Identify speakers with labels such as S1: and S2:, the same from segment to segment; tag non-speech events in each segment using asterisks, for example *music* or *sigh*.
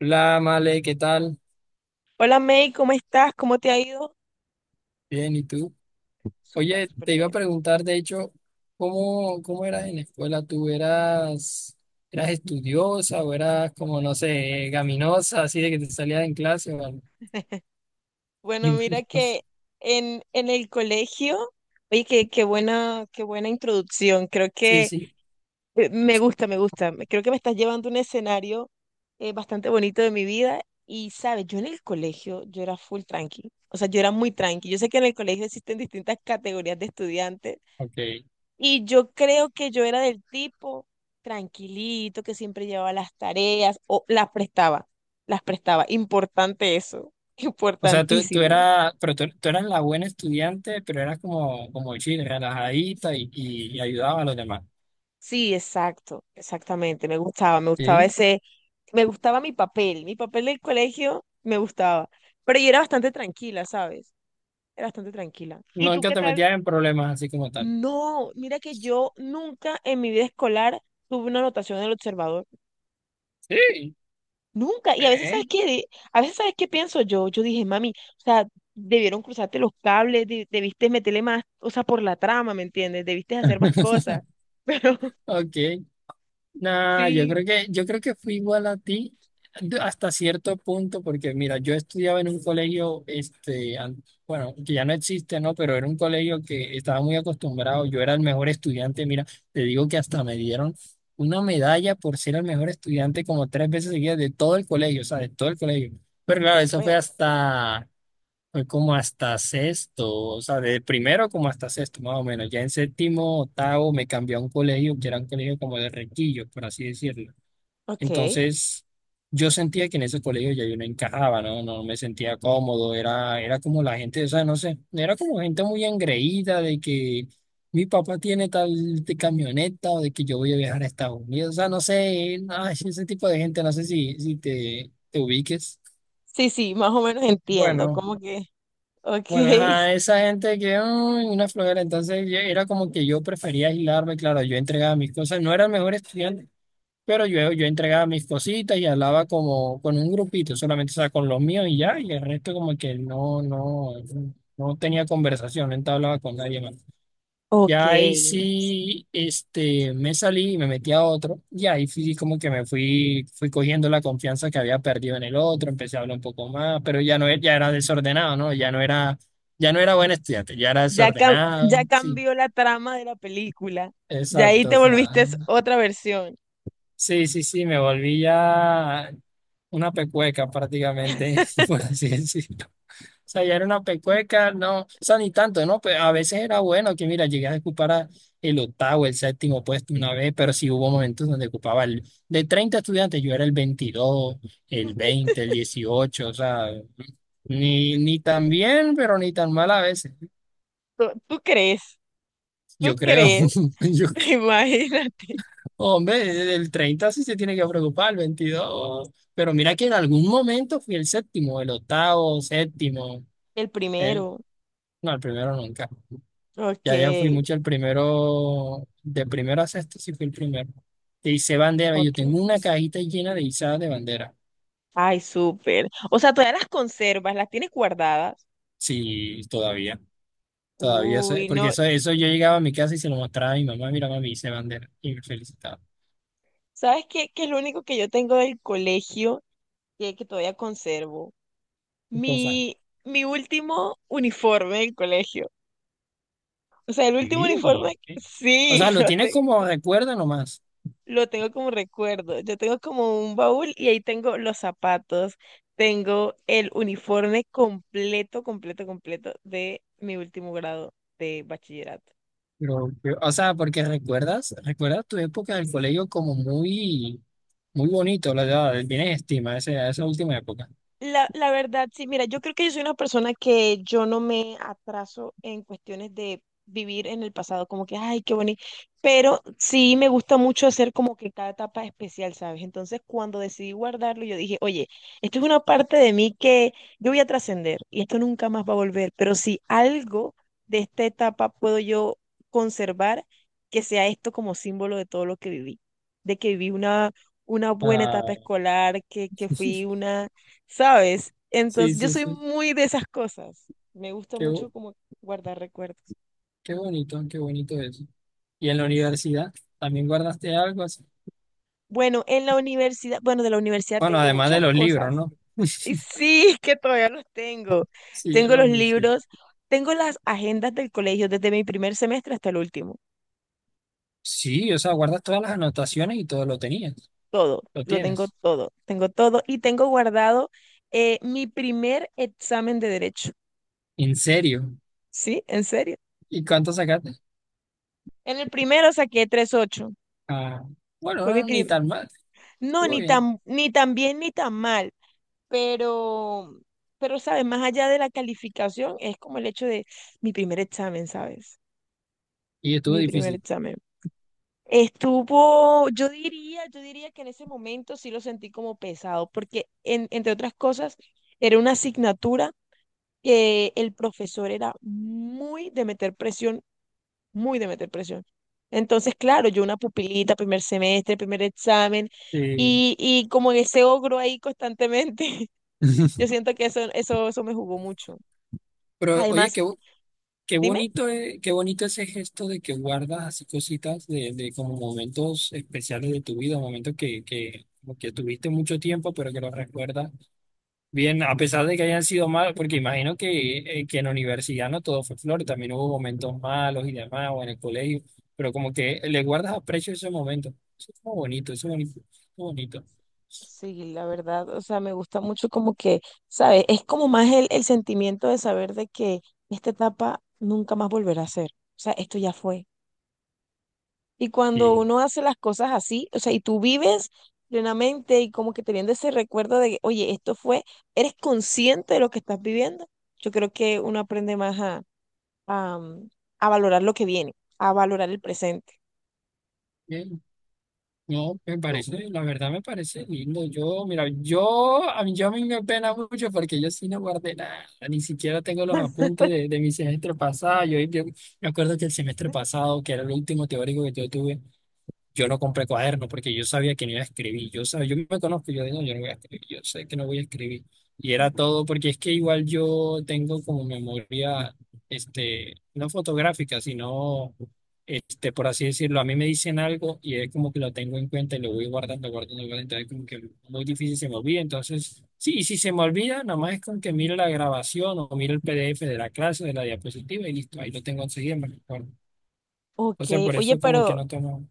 S1: Hola, Male, ¿qué tal?
S2: Hola May, ¿cómo estás? ¿Cómo te ha ido?
S1: Bien, ¿y tú?
S2: Súper,
S1: Oye,
S2: súper
S1: te iba a
S2: bien.
S1: preguntar, de hecho, ¿Cómo eras en la escuela? ¿Tú eras estudiosa o eras como, no sé, gaminosa, así de que te salías en clase o algo?
S2: Bueno, mira que
S1: *laughs*
S2: en el colegio, oye, qué buena, qué buena introducción. Creo
S1: Sí,
S2: que
S1: sí,
S2: me gusta, me gusta. Me- Creo que me estás llevando a un escenario bastante bonito de mi vida. Y sabes, yo en el colegio, yo era full tranqui. O sea, yo era muy tranqui. Yo sé que en el colegio existen distintas categorías de estudiantes.
S1: ok.
S2: Y yo creo que yo era del tipo tranquilito, que siempre llevaba las tareas o las prestaba, las prestaba. Importante eso, *laughs*
S1: O sea, tú
S2: importantísimo.
S1: eras, pero tú eras la buena estudiante, pero eras como, como chile, relajadita y ayudaba a los demás.
S2: Sí, exacto, exactamente. Me gustaba,
S1: Sí.
S2: me gustaba mi papel del colegio me gustaba. Pero yo era bastante tranquila, ¿sabes? Era bastante tranquila. ¿Y tú
S1: Nunca
S2: qué
S1: te
S2: tal?
S1: metías en problemas así como tal.
S2: No, mira que yo nunca en mi vida escolar tuve una anotación del observador.
S1: Sí.
S2: Nunca. Y a veces, ¿sabes
S1: Ve,
S2: qué? De- A veces, ¿sabes qué pienso yo? Yo dije, mami, o sea, debieron cruzarte los cables, de- debiste meterle más, o sea, por la trama, ¿me entiendes? Debiste hacer más cosas. *laughs* Pero
S1: ok. Nah,
S2: sí.
S1: yo creo que fui igual a ti hasta cierto punto, porque mira, yo estudiaba en un colegio, este, bueno, que ya no existe, ¿no? Pero era un colegio que estaba muy acostumbrado, yo era el mejor estudiante, mira, te digo que hasta me dieron una medalla por ser el mejor estudiante como tres veces seguidas de todo el colegio, o sea, de todo el colegio. Pero claro, eso fue
S2: Súper.
S1: hasta fue como hasta sexto, o sea, de primero como hasta sexto, más o menos. Ya en séptimo, octavo, me cambié a un colegio que era un colegio como de requillos, por así decirlo.
S2: Ok.
S1: Entonces, yo sentía que en ese colegio ya yo no encajaba, ¿no? No me sentía cómodo, era, era como la gente, o sea, no sé, era como gente muy engreída de que mi papá tiene tal de camioneta o de que yo voy a viajar a Estados Unidos, o sea, no sé, ay, ese tipo de gente, no sé si, si te, te ubiques.
S2: Sí, sí, más o menos entiendo.
S1: Bueno.
S2: Como que, ok,
S1: Bueno, ajá, esa gente que "Ay, una flojera, entonces era como que yo prefería aislarme, claro, yo entregaba mis cosas, no era el mejor estudiante, pero yo entregaba mis cositas y hablaba como con un grupito, solamente, o sea, con los míos y ya, y el resto como que no, no, no tenía conversación, no hablaba con nadie más. Ya ahí
S2: ok.
S1: sí, este, me salí y me metí a otro. Y ahí fui como que me fui, fui cogiendo la confianza que había perdido en el otro, empecé a hablar un poco más, pero ya no, ya era desordenado, ¿no? Ya no era buen estudiante, ya era
S2: Ya, cam-
S1: desordenado.
S2: ya
S1: Sí,
S2: cambió la trama de la película. Ya ahí
S1: exacto.
S2: te
S1: O sea,
S2: volviste es otra versión.
S1: sí, sí, sí, me volví ya una pecueca prácticamente, *laughs*
S2: *laughs*
S1: por así decirlo. Sea, ya era una pecueca, no, o sea, ni tanto, ¿no? Pues a veces era bueno que, mira, llegué a ocupar a el octavo, el séptimo puesto una vez, pero sí hubo momentos donde ocupaba el, de 30 estudiantes, yo era el 22 el 20 el 18 o sea, ni, ni tan bien, pero ni tan mal a veces,
S2: ¿Tú, tú crees? ¿Tú
S1: yo creo,
S2: crees?
S1: *laughs* yo,
S2: *laughs*
S1: creo.
S2: Imagínate.
S1: Hombre, el 30 sí se tiene que preocupar, el 22 pero mira que en algún momento fui el séptimo, el octavo, séptimo,
S2: El
S1: ¿eh?
S2: primero.
S1: No, el primero nunca.
S2: Ok.
S1: Ya, ya fui mucho el primero, de primero a sexto sí fui el primero. Te hice bandera, yo
S2: Okay.
S1: tengo una cajita llena de izadas de bandera.
S2: Ay, súper. O sea, todavía las conservas, las tienes guardadas.
S1: Sí, todavía, todavía, sé,
S2: Uy,
S1: porque
S2: no.
S1: eso yo llegaba a mi casa y se lo mostraba a mi mamá, mira, mami, hice bandera, y me felicitaba.
S2: ¿Sabes qué? Que es lo único que yo tengo del colegio que todavía conservo.
S1: O sea,
S2: Mi, mi último uniforme del colegio. O sea, el último uniforme,
S1: sí, eh. O
S2: sí,
S1: sea,
S2: *laughs*
S1: lo tienes como recuerda nomás,
S2: lo tengo como recuerdo. Yo tengo como un baúl y ahí tengo los zapatos. Tengo el uniforme completo, completo, completo de mi último grado de bachillerato.
S1: pero, o sea, porque recuerdas, recuerdas tu época del colegio como muy, muy bonito, la verdad, tienes estima a a esa última época.
S2: La verdad, sí, mira, yo creo que yo soy una persona que yo no me atraso en cuestiones de vivir en el pasado, como que, ay, qué bonito, pero sí me gusta mucho hacer como que cada etapa especial, ¿sabes? Entonces, cuando decidí guardarlo, yo dije, oye, esto es una parte de mí que yo voy a trascender y esto nunca más va a volver, pero si algo de esta etapa puedo yo conservar, que sea esto como símbolo de todo lo que viví, de que viví una buena etapa
S1: Ah,
S2: escolar, que fui una, ¿sabes?
S1: sí,
S2: Entonces, yo
S1: sí,
S2: soy
S1: sí.
S2: muy de esas cosas. Me gusta
S1: Qué,
S2: mucho
S1: bo-
S2: como guardar recuerdos.
S1: qué bonito eso. ¿Y en la
S2: Sí.
S1: universidad también guardaste algo así?
S2: Bueno, en la universidad, bueno, de la universidad
S1: Bueno,
S2: tengo
S1: además de
S2: muchas
S1: los libros,
S2: cosas.
S1: ¿no?
S2: Y sí, *laughs* es que todavía los tengo.
S1: Sí, yo
S2: Tengo los
S1: los mismo. Sí,
S2: libros, tengo las agendas del colegio desde mi primer semestre hasta el último.
S1: sí, o sea, guardas todas las anotaciones y todo lo tenías,
S2: Todo,
S1: lo
S2: lo tengo
S1: tienes.
S2: todo, tengo todo. Y tengo guardado mi primer examen de derecho.
S1: ¿En serio?
S2: ¿Sí? ¿En serio?
S1: ¿Y cuánto sacaste?
S2: En el primero saqué 3.8.
S1: Ah, bueno,
S2: Fue mi
S1: no, ni
S2: primer.
S1: tan mal.
S2: No,
S1: Estuvo
S2: ni
S1: bien.
S2: tan, ni tan bien ni tan mal, pero, pero, ¿sabes? Más allá de la calificación, es como el hecho de mi primer examen, ¿sabes?
S1: Y estuvo
S2: Mi primer
S1: difícil.
S2: examen. Estuvo, yo diría que en ese momento sí lo sentí como pesado, porque en- entre otras cosas, era una asignatura que el profesor era muy de meter presión, muy de meter presión. Entonces, claro, yo una pupilita, primer semestre, primer examen,
S1: Sí.
S2: y como en ese ogro ahí constantemente, *laughs* yo
S1: *laughs*
S2: siento que eso me jugó mucho.
S1: Pero, oye,
S2: Además,
S1: qué, qué
S2: dime.
S1: bonito, qué bonito ese gesto de que guardas así cositas de como momentos especiales de tu vida, momentos que, como que tuviste mucho tiempo, pero que los recuerdas bien, a pesar de que hayan sido malos, porque imagino que en la universidad no todo fue flor, también hubo momentos malos y demás, o en el colegio, pero como que le guardas aprecio a esos momentos. Eso es como bonito, eso es bonito, eso es bonito.
S2: Sí, la verdad, o sea, me gusta mucho como que, ¿sabes? Es como más el sentimiento de saber de que esta etapa nunca más volverá a ser. O sea, esto ya fue. Y cuando uno hace las cosas así, o sea, y tú vives plenamente y como que teniendo ese recuerdo de, oye, esto fue, eres consciente de lo que estás viviendo, yo creo que uno aprende más a, a, mm, a valorar lo que viene, a valorar el presente.
S1: Sí. No, me
S2: Tú,
S1: parece, la verdad me parece lindo. Yo, mira, yo a mí me pena mucho porque yo sí no guardé nada, ni siquiera tengo los apuntes de mi semestre pasado. Yo me acuerdo que el semestre pasado, que era el último teórico que yo tuve, yo no compré cuaderno porque yo sabía que no iba a escribir. Yo sabía, yo me conozco, yo digo, no, yo no voy a escribir, yo sé que no voy a escribir. Y era todo porque es que igual yo tengo como memoria, este, no fotográfica, sino, este, por así decirlo, a mí me dicen algo y es como que lo tengo en cuenta y lo voy guardando. Entonces, como que muy difícil se me olvida. Entonces, sí, y si se me olvida, nada más es con que miro la grabación o miro el PDF de la clase, de la diapositiva y listo, ahí lo tengo enseguida, me recuerdo. Entonces,
S2: ok,
S1: por
S2: oye,
S1: eso como que
S2: pero
S1: no tomo.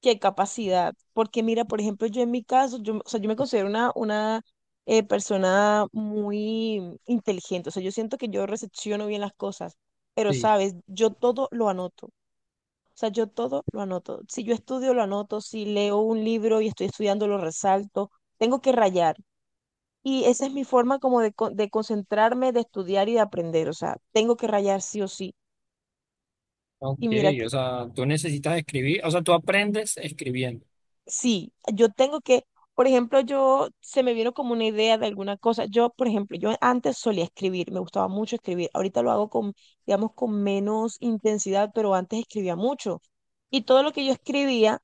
S2: qué capacidad. Porque mira, por ejemplo, yo en mi caso, yo, o sea, yo me considero una persona muy inteligente. O sea, yo siento que yo recepciono bien las cosas, pero
S1: Sí.
S2: sabes, yo todo lo anoto. O sea, yo todo lo anoto. Si yo estudio, lo anoto. Si leo un libro y estoy estudiando, lo resalto. Tengo que rayar. Y esa es mi forma como de, con de concentrarme, de estudiar y de aprender. O sea, tengo que rayar sí o sí.
S1: Ok,
S2: Y mira,
S1: o
S2: que
S1: sea, tú necesitas escribir, o sea, tú aprendes escribiendo.
S2: sí, yo tengo que, por ejemplo, yo se me vino como una idea de alguna cosa. Yo, por ejemplo, yo antes solía escribir, me gustaba mucho escribir. Ahorita lo hago con, digamos, con menos intensidad, pero antes escribía mucho. Y todo lo que yo escribía,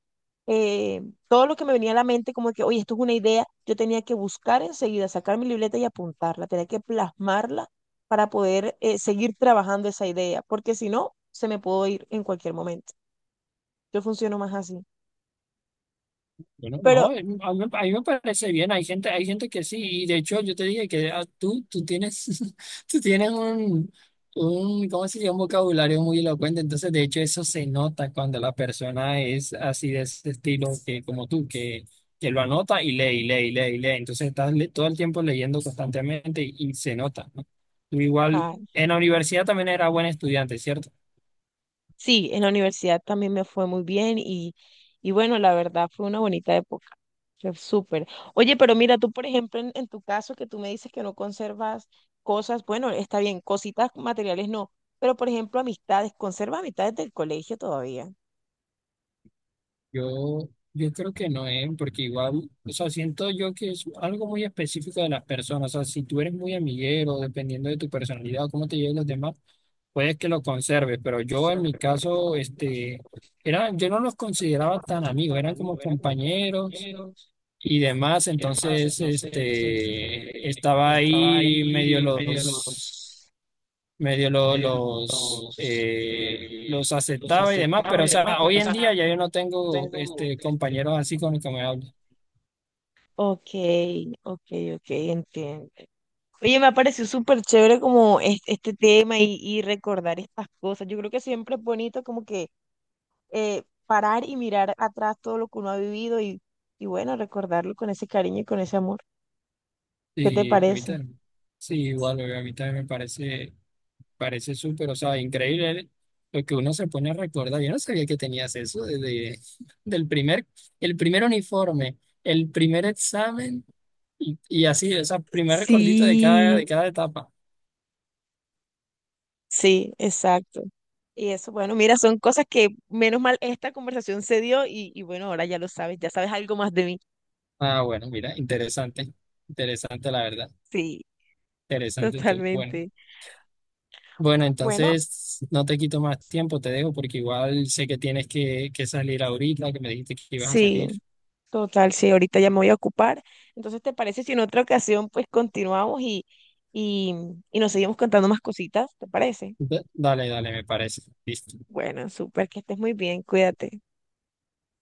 S2: eh, todo lo que me venía a la mente, como que, oye, esto es una idea, yo tenía que buscar enseguida, sacar mi libreta y apuntarla, tenía que plasmarla para poder seguir trabajando esa idea, porque si no, se me pudo ir en cualquier momento. Yo funciono más así.
S1: Bueno,
S2: Pero,
S1: no, a mí me parece bien, hay gente que sí, y de hecho yo te dije que ah, tú tienes, *laughs* tú tienes un, ¿cómo se dice? Un vocabulario muy elocuente, entonces de hecho eso se nota cuando la persona es así de ese estilo que, como tú, que lo anota y lee, y lee, y lee, y lee, entonces todo el tiempo leyendo constantemente y se nota, ¿no? Tú igual,
S2: ay,
S1: en la universidad también era buen estudiante, ¿cierto?
S2: sí, en la universidad también me fue muy bien y bueno, la verdad fue una bonita época. Fue súper. Oye, pero mira, tú, por ejemplo, en tu caso que tú me dices que no conservas cosas, bueno, está bien, cositas materiales no, pero por ejemplo, amistades, ¿conservas amistades del colegio todavía?
S1: Yo, yo creo que no es, porque igual, o sea, siento yo que es algo muy específico de las personas. O sea, si tú eres muy amiguero, dependiendo de tu personalidad o cómo te lleven los demás, puedes que lo conserves. Pero yo en mi caso, este, era, yo no los consideraba tan amigos, eran como compañeros y demás. Entonces, este, estaba ahí medio los medio lo- los, eh, los aceptaba y demás, pero o sea, hoy en día ya yo no tengo este, compañeros así con los que me hablo.
S2: Ok, ok, ok, entiendo. Oye, me ha parecido súper chévere como es- este, tema y recordar estas cosas. Yo creo que siempre es bonito como que parar y mirar atrás todo lo que uno ha vivido y bueno, recordarlo con ese cariño y con ese amor. ¿Qué te
S1: Y a mí
S2: parece?
S1: también, sí, igual, bebé, a mí también me parece, parece súper, o sea, increíble lo que uno se pone a recordar. Yo no sabía que tenías eso desde *laughs* del primer, el primer uniforme, el primer examen y así, o sea, primer recordito
S2: Sí,
S1: de cada etapa.
S2: sí, exacto. Y eso, bueno, mira, son cosas que menos mal esta conversación se dio y bueno, ahora ya lo sabes, ya sabes algo más de mí.
S1: Ah, bueno, mira, interesante, interesante la verdad,
S2: Sí,
S1: interesante tú. Bueno.
S2: totalmente.
S1: Bueno,
S2: Bueno,
S1: entonces no te quito más tiempo, te dejo porque igual sé que tienes que salir ahorita, que me dijiste que ibas a
S2: sí,
S1: salir.
S2: total, sí, ahorita ya me voy a ocupar. Entonces, ¿te parece si en otra ocasión pues continuamos y, y nos seguimos contando más cositas? ¿Te parece?
S1: Dale, dale, me parece. Listo.
S2: Bueno, súper, que estés muy bien, cuídate.